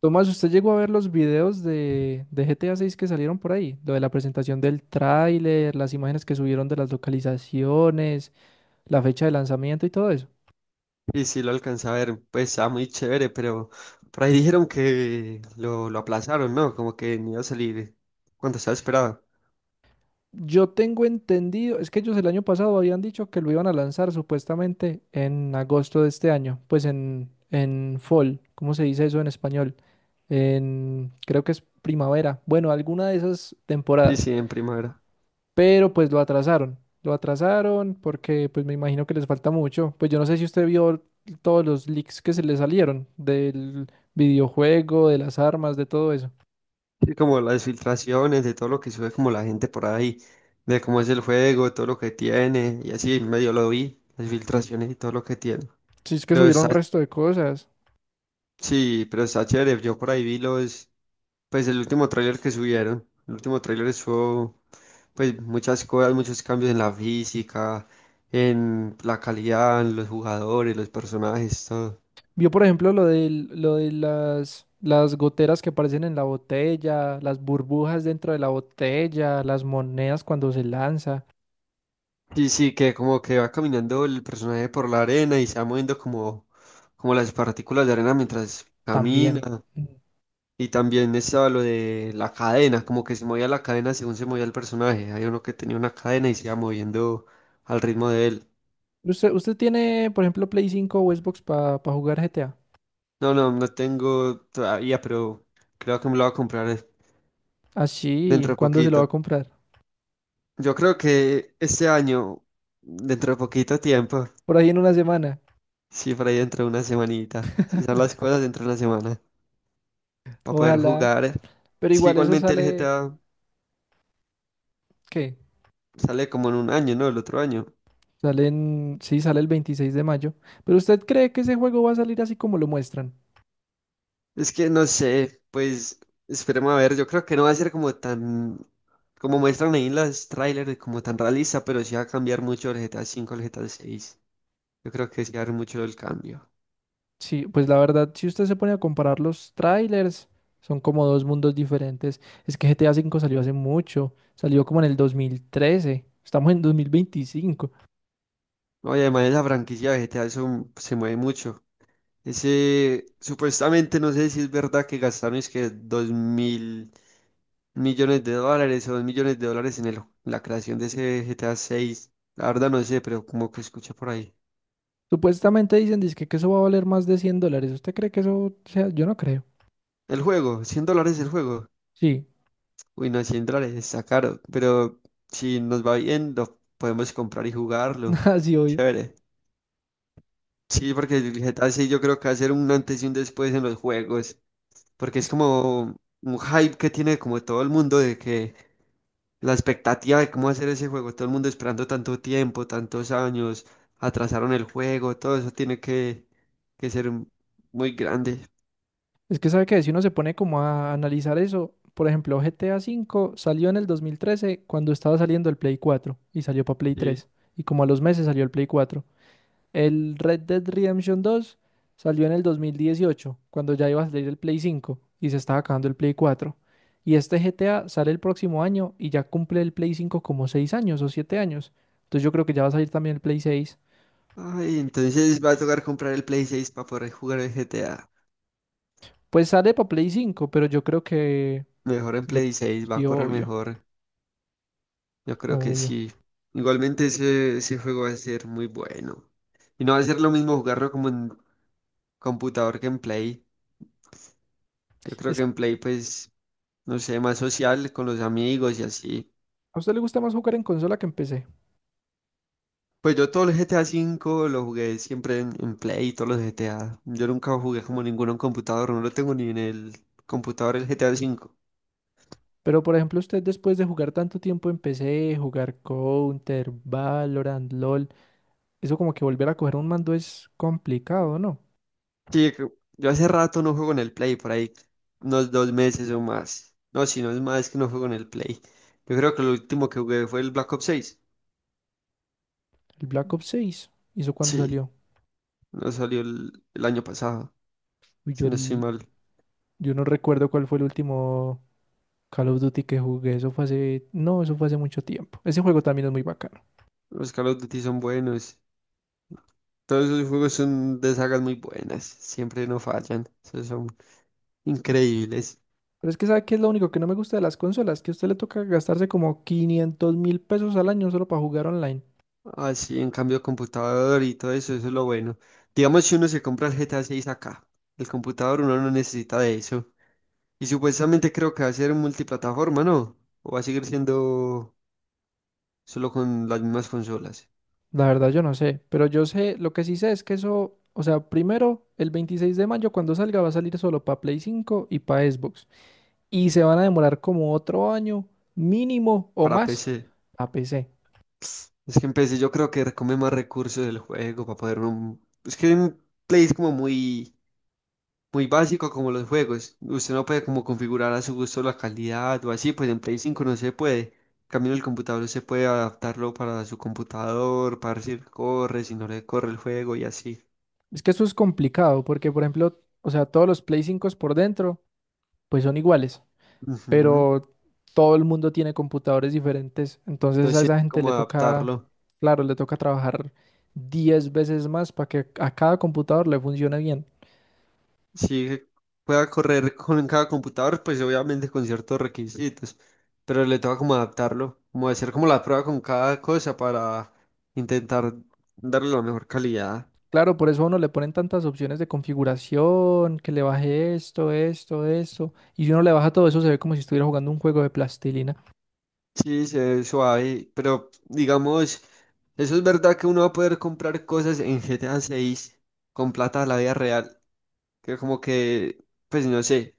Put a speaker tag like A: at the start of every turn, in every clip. A: Tomás, ¿usted llegó a ver los videos de GTA 6 que salieron por ahí? Lo de la presentación del tráiler, las imágenes que subieron de las localizaciones, la fecha de lanzamiento y todo eso.
B: Y sí, lo alcancé a ver, pues estaba muy chévere, pero por ahí dijeron que lo aplazaron, ¿no? Como que no iba a salir cuando estaba esperado.
A: Yo tengo entendido, es que ellos el año pasado habían dicho que lo iban a lanzar supuestamente en agosto de este año, pues en fall, ¿cómo se dice eso en español? En, creo que es primavera, bueno, alguna de esas
B: Sí,
A: temporadas.
B: sí, en primavera.
A: Pero pues lo atrasaron. Lo atrasaron porque pues me imagino que les falta mucho. Pues yo no sé si usted vio todos los leaks que se le salieron del videojuego, de las armas, de todo eso.
B: Sí, como las filtraciones de todo lo que sube como la gente por ahí, de cómo es el juego, todo lo que tiene, y así medio lo vi, las filtraciones y todo lo que tiene.
A: Si es que
B: Pero está,
A: subieron resto de cosas.
B: sí, pero está chévere, yo por ahí vi pues el último tráiler que subieron, el último tráiler estuvo, pues muchas cosas, muchos cambios en la física, en la calidad, en los jugadores, los personajes, todo.
A: Vio, por ejemplo, lo de las goteras que aparecen en la botella, las burbujas dentro de la botella, las monedas cuando se lanza,
B: Sí, sí, que como que va caminando el personaje por la arena y se va moviendo como las partículas de arena mientras
A: también.
B: camina.
A: Mm.
B: Y también estaba lo de la cadena, como que se movía la cadena según se movía el personaje. Hay uno que tenía una cadena y se iba moviendo al ritmo de él.
A: ¿Usted tiene, por ejemplo, Play cinco o Xbox para jugar GTA?
B: No, no, no tengo todavía, pero creo que me lo voy a comprar
A: Así,
B: dentro de
A: ¿cuándo se lo va a
B: poquito.
A: comprar?
B: Yo creo que este año, dentro de poquito tiempo,
A: Por ahí en una semana.
B: sí, por ahí dentro de una semanita, si son las cosas dentro de una semana, para poder
A: Ojalá.
B: jugar.
A: Pero
B: Es que
A: igual eso
B: igualmente el
A: sale,
B: GTA
A: ¿qué?
B: sale como en un año, ¿no? El otro año.
A: Sale en, sí, sale el 26 de mayo. Pero ¿usted cree que ese juego va a salir así como lo muestran?
B: Es que no sé, pues esperemos a ver, yo creo que no va a ser como tan, como muestran ahí en las trailers, como tan realista, pero sí va a cambiar mucho el GTA cinco, al GTA seis. Yo creo que sí va a haber mucho el cambio.
A: Sí, pues la verdad, si usted se pone a comparar los trailers, son como dos mundos diferentes. Es que GTA 5 V salió hace mucho, salió como en el 2013. Estamos en 2025.
B: No, y además esa franquicia vegetal se mueve mucho. Ese, supuestamente, no sé si es verdad que gastaron es que 2.000 millones de dólares o 2 millones de dólares en la creación de ese GTA 6. La verdad no sé, pero como que escuché por ahí.
A: Supuestamente dicen, dizque que eso va a valer más de 100 dólares. ¿Usted cree que eso sea? Yo no creo.
B: El juego, $100 el juego.
A: Sí,
B: Uy, no, $100 está caro, pero si nos va bien, lo podemos comprar y jugarlo.
A: así obvio.
B: Chévere. Sí, porque el GTA 6 yo creo que va a ser un antes y un después en los juegos, porque es
A: Es
B: como un hype que tiene como todo el mundo, de que la expectativa de cómo hacer ese juego, todo el mundo esperando tanto tiempo, tantos años, atrasaron el juego, todo eso tiene que ser muy grande.
A: Es que sabe que si uno se pone como a analizar eso, por ejemplo, GTA cinco salió en el 2013 cuando estaba saliendo el Play cuatro y salió para Play
B: Sí.
A: tres, y como a los meses salió el Play cuatro. El Red Dead Redemption dos salió en el 2018 cuando ya iba a salir el Play cinco y se estaba acabando el Play cuatro. Y este GTA sale el próximo año y ya cumple el Play cinco como 6 años o 7 años. Entonces yo creo que ya va a salir también el Play seis.
B: Ay, entonces va a tocar comprar el Play 6 para poder jugar el GTA.
A: Pues sale para Play cinco, pero yo creo que...
B: Mejor en
A: Yo...
B: Play 6 va a
A: Sí,
B: correr
A: obvio,
B: mejor. Yo creo que
A: obvio.
B: sí. Igualmente ese juego va a ser muy bueno. Y no va a ser lo mismo jugarlo como en computador que en Play. Yo creo
A: Es
B: que en Play pues no sé, más social con los amigos y así.
A: a usted le gusta más jugar en consola que en PC.
B: Pues yo todo el GTA V lo jugué siempre en Play, todos los GTA. Yo nunca jugué como ninguno en computador, no lo tengo ni en el computador el GTA V.
A: Pero por ejemplo, usted después de jugar tanto tiempo en PC, jugar Counter, Valorant, LOL, eso como que volver a coger un mando es complicado, ¿no?
B: Sí, yo hace rato no juego en el Play, por ahí unos 2 meses o más. No, si no es más que no juego en el Play. Yo creo que lo último que jugué fue el Black Ops 6.
A: El Black Ops 6, ¿hizo cuándo
B: Sí,
A: salió?
B: no salió el año pasado,
A: Uy, yo,
B: si no estoy mal.
A: yo no recuerdo cuál fue el último Call of Duty que jugué, eso fue hace... No, eso fue hace mucho tiempo. Ese juego también es muy bacano.
B: Los Call of Duty son buenos. Todos esos juegos son de sagas muy buenas, siempre no fallan, esos son increíbles.
A: Pero es que ¿sabe qué es lo único que no me gusta de las consolas? Que a usted le toca gastarse como 500 mil pesos al año solo para jugar online.
B: Así, en cambio, computador y todo eso, eso es lo bueno. Digamos, si uno se compra el GTA 6 acá, el computador uno no necesita de eso. Y supuestamente creo que va a ser multiplataforma, ¿no? O va a seguir siendo solo con las mismas consolas,
A: La verdad yo no sé, pero yo sé, lo que sí sé es que eso, o sea, primero, el 26 de mayo cuando salga va a salir solo para Play cinco y para Xbox. Y se van a demorar como otro año mínimo o
B: para
A: más
B: PC.
A: a PC.
B: Es que en PC yo creo que come más recursos del juego para poder... Es que en Play es como muy muy básico como los juegos. Usted no puede como configurar a su gusto la calidad o así, pues en Play 5 no se puede. En cambio, en el computador se puede adaptarlo para su computador, para ver si le corre, si no le corre el juego y así.
A: Es que eso es complicado porque, por ejemplo, o sea, todos los Play 5 por dentro, pues son iguales,
B: Ujú.
A: pero todo el mundo tiene computadores diferentes. Entonces a
B: Entonces, sí,
A: esa gente
B: como
A: le toca,
B: adaptarlo.
A: claro, le toca trabajar 10 veces más para que a cada computador le funcione bien.
B: Si pueda correr con cada computador, pues obviamente con ciertos requisitos, pero le toca como adaptarlo, como hacer como la prueba con cada cosa para intentar darle la mejor calidad.
A: Claro, por eso a uno le ponen tantas opciones de configuración, que le baje esto, esto, esto. Y si uno le baja todo eso, se ve como si estuviera jugando un juego de plastilina.
B: Sí, se ve suave, pero digamos, eso es verdad que uno va a poder comprar cosas en GTA 6 con plata de la vida real, que como que, pues no sé,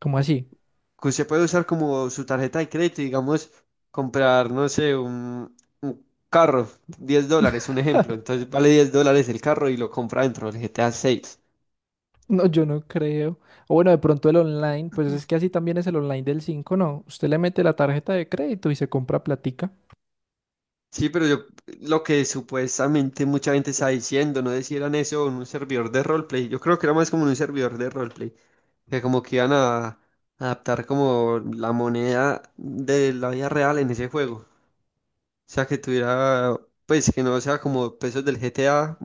A: ¿Cómo así?
B: que usted puede usar como su tarjeta de crédito, y, digamos, comprar, no sé, un, carro, $10, un ejemplo, entonces vale $10 el carro y lo compra dentro del GTA 6.
A: No, yo no creo. O bueno, de pronto el online, pues es que así también es el online del 5, ¿no? Usted le mete la tarjeta de crédito y se compra platica.
B: Sí, pero yo, lo que supuestamente mucha gente está diciendo, no decían eso en un servidor de roleplay, yo creo que era más como en un servidor de roleplay, que como que iban a adaptar como la moneda de la vida real en ese juego. O sea, que tuviera, pues que no sea como pesos del GTA,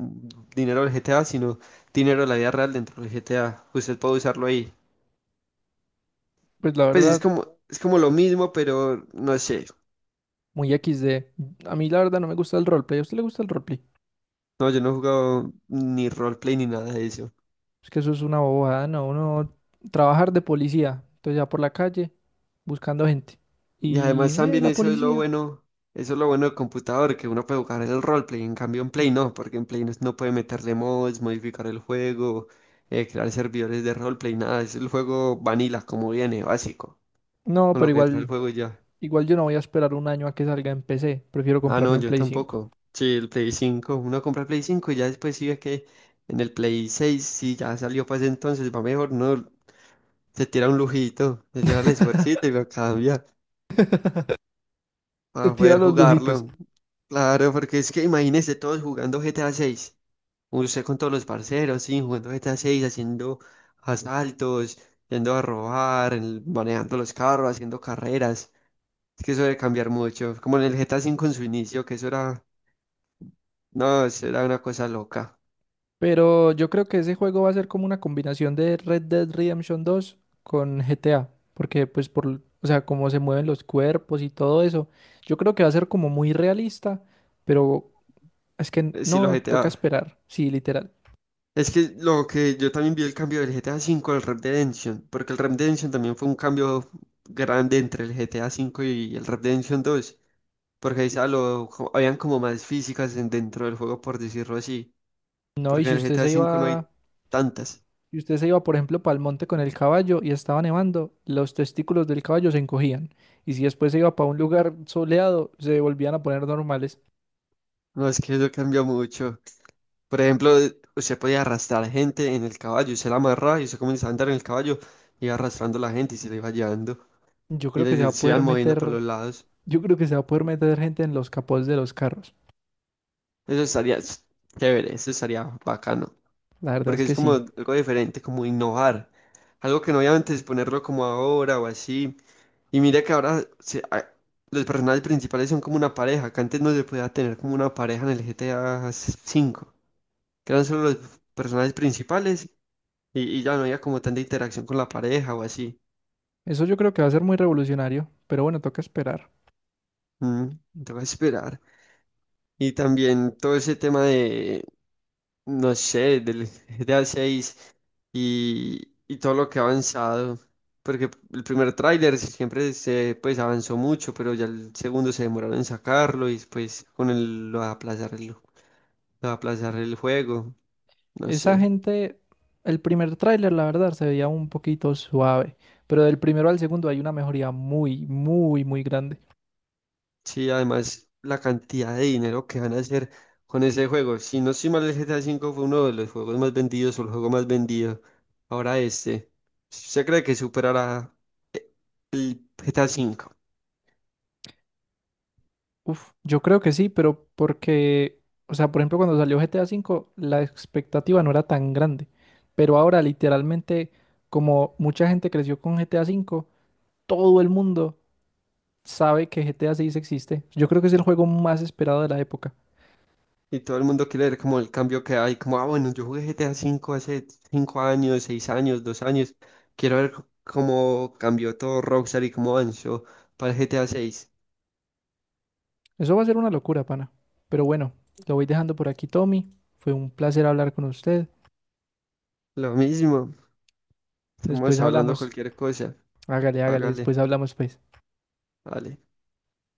B: dinero del GTA, sino dinero de la vida real dentro del GTA. Usted puede usarlo ahí.
A: Pues la
B: Pues es
A: verdad,
B: como, es como lo mismo, pero no sé.
A: muy XD. A mí la verdad no me gusta el roleplay. ¿A usted le gusta el roleplay?
B: No, yo no he jugado ni roleplay ni nada de eso.
A: Es que eso es una bobada, ¿no? Uno trabajar de policía. Entonces ya por la calle, buscando gente.
B: Y
A: Y,
B: además también
A: la
B: eso es lo
A: policía.
B: bueno, eso es lo bueno del computador, que uno puede jugar el roleplay, en cambio en Play no, porque en Play no, no puede meterle mods, modificar el juego, crear servidores de roleplay, nada, es el juego vanilla como viene, básico,
A: No,
B: con
A: pero
B: lo que trae el
A: igual.
B: juego y ya.
A: Igual yo no voy a esperar un año a que salga en PC. Prefiero
B: Ah, no,
A: comprarme un
B: yo
A: Play cinco.
B: tampoco. Sí, el Play 5 uno compra el Play 5 y ya después sí ve que en el Play seis, si ya salió para ese entonces, va mejor, no, se tira un lujito, se tira el esfuercito y lo cambia,
A: Te
B: para
A: tira
B: poder
A: los lujitos.
B: jugarlo. Claro, porque es que imagínese todos jugando GTA 6. Usted con todos los parceros, sí, jugando GTA 6, haciendo asaltos, yendo a robar, manejando los carros, haciendo carreras. Es que eso debe cambiar mucho. Como en el GTA 5 en su inicio, que eso era, no, eso era una cosa loca.
A: Pero yo creo que ese juego va a ser como una combinación de Red Dead Redemption dos con GTA. Porque pues por, o sea, cómo se mueven los cuerpos y todo eso. Yo creo que va a ser como muy realista. Pero es que
B: Sí, los
A: no, toca
B: GTA.
A: esperar. Sí, literal.
B: Es que lo que yo también vi el cambio del GTA 5 al Red Dead Redemption, porque el Red Dead Redemption también fue un cambio grande entre el GTA 5 y el Red Dead Redemption 2. Porque ahí habían como más físicas dentro del juego, por decirlo así.
A: No, y
B: Porque
A: si
B: en el
A: usted
B: GTA
A: se
B: V no hay
A: iba
B: tantas.
A: Y usted se iba, por ejemplo, para el monte con el caballo y estaba nevando, los testículos del caballo se encogían. Y si después se iba para un lugar soleado, se volvían a poner normales.
B: No, es que eso cambió mucho. Por ejemplo, usted podía arrastrar gente en el caballo, usted la amarraba y usted comenzaba a andar en el caballo, iba arrastrando a la gente y se la iba llevando.
A: Yo
B: Y
A: creo que se va
B: les
A: a
B: se
A: poder
B: iban moviendo por
A: meter,
B: los lados.
A: yo creo que se va a poder meter gente en los capots de los carros.
B: Eso estaría chévere, eso estaría bacano.
A: La verdad es
B: Porque
A: que
B: es como
A: sí.
B: algo diferente, como innovar. Algo que no obviamente es ponerlo como ahora o así. Y mira que ahora los personajes principales son como una pareja, que antes no se podía tener como una pareja en el GTA cinco, que eran solo los personajes principales y ya no había como tanta interacción con la pareja o así.
A: Eso yo creo que va a ser muy revolucionario, pero bueno, toca esperar.
B: Mm, Tengo que esperar. Y también todo ese tema de no sé, del GTA 6 y todo lo que ha avanzado. Porque el primer tráiler siempre se pues avanzó mucho, pero ya el segundo se demoraron en sacarlo y después con el lo de aplazar lo de aplazar el juego. No
A: Esa
B: sé.
A: gente, el primer tráiler, la verdad, se veía un poquito suave, pero del primero al segundo hay una mejoría muy, muy, muy grande.
B: Sí, además la cantidad de dinero que van a hacer con ese juego. Si no estoy mal, el GTA 5 fue uno de los juegos más vendidos o el juego más vendido. Ahora este. ¿Usted cree que superará eh, GTA V?
A: Uf, yo creo que sí, pero porque, o sea, por ejemplo, cuando salió GTA 5 V, la expectativa no era tan grande, pero ahora literalmente, como mucha gente creció con GTA 5 V, todo el mundo sabe que GTA 6 existe. Yo creo que es el juego más esperado de la época.
B: Y todo el mundo quiere ver como el cambio que hay, como, ah, bueno, yo jugué GTA V hace 5 años, 6 años, 2 años, quiero ver cómo cambió todo Rockstar y cómo avanzó para el GTA VI.
A: Eso va a ser una locura, pana. Pero bueno, lo voy dejando por aquí, Tommy. Fue un placer hablar con usted.
B: Lo mismo,
A: Después
B: estamos hablando
A: hablamos.
B: cualquier cosa,
A: Hágale, hágale,
B: hágale,
A: después hablamos, pues.
B: dale.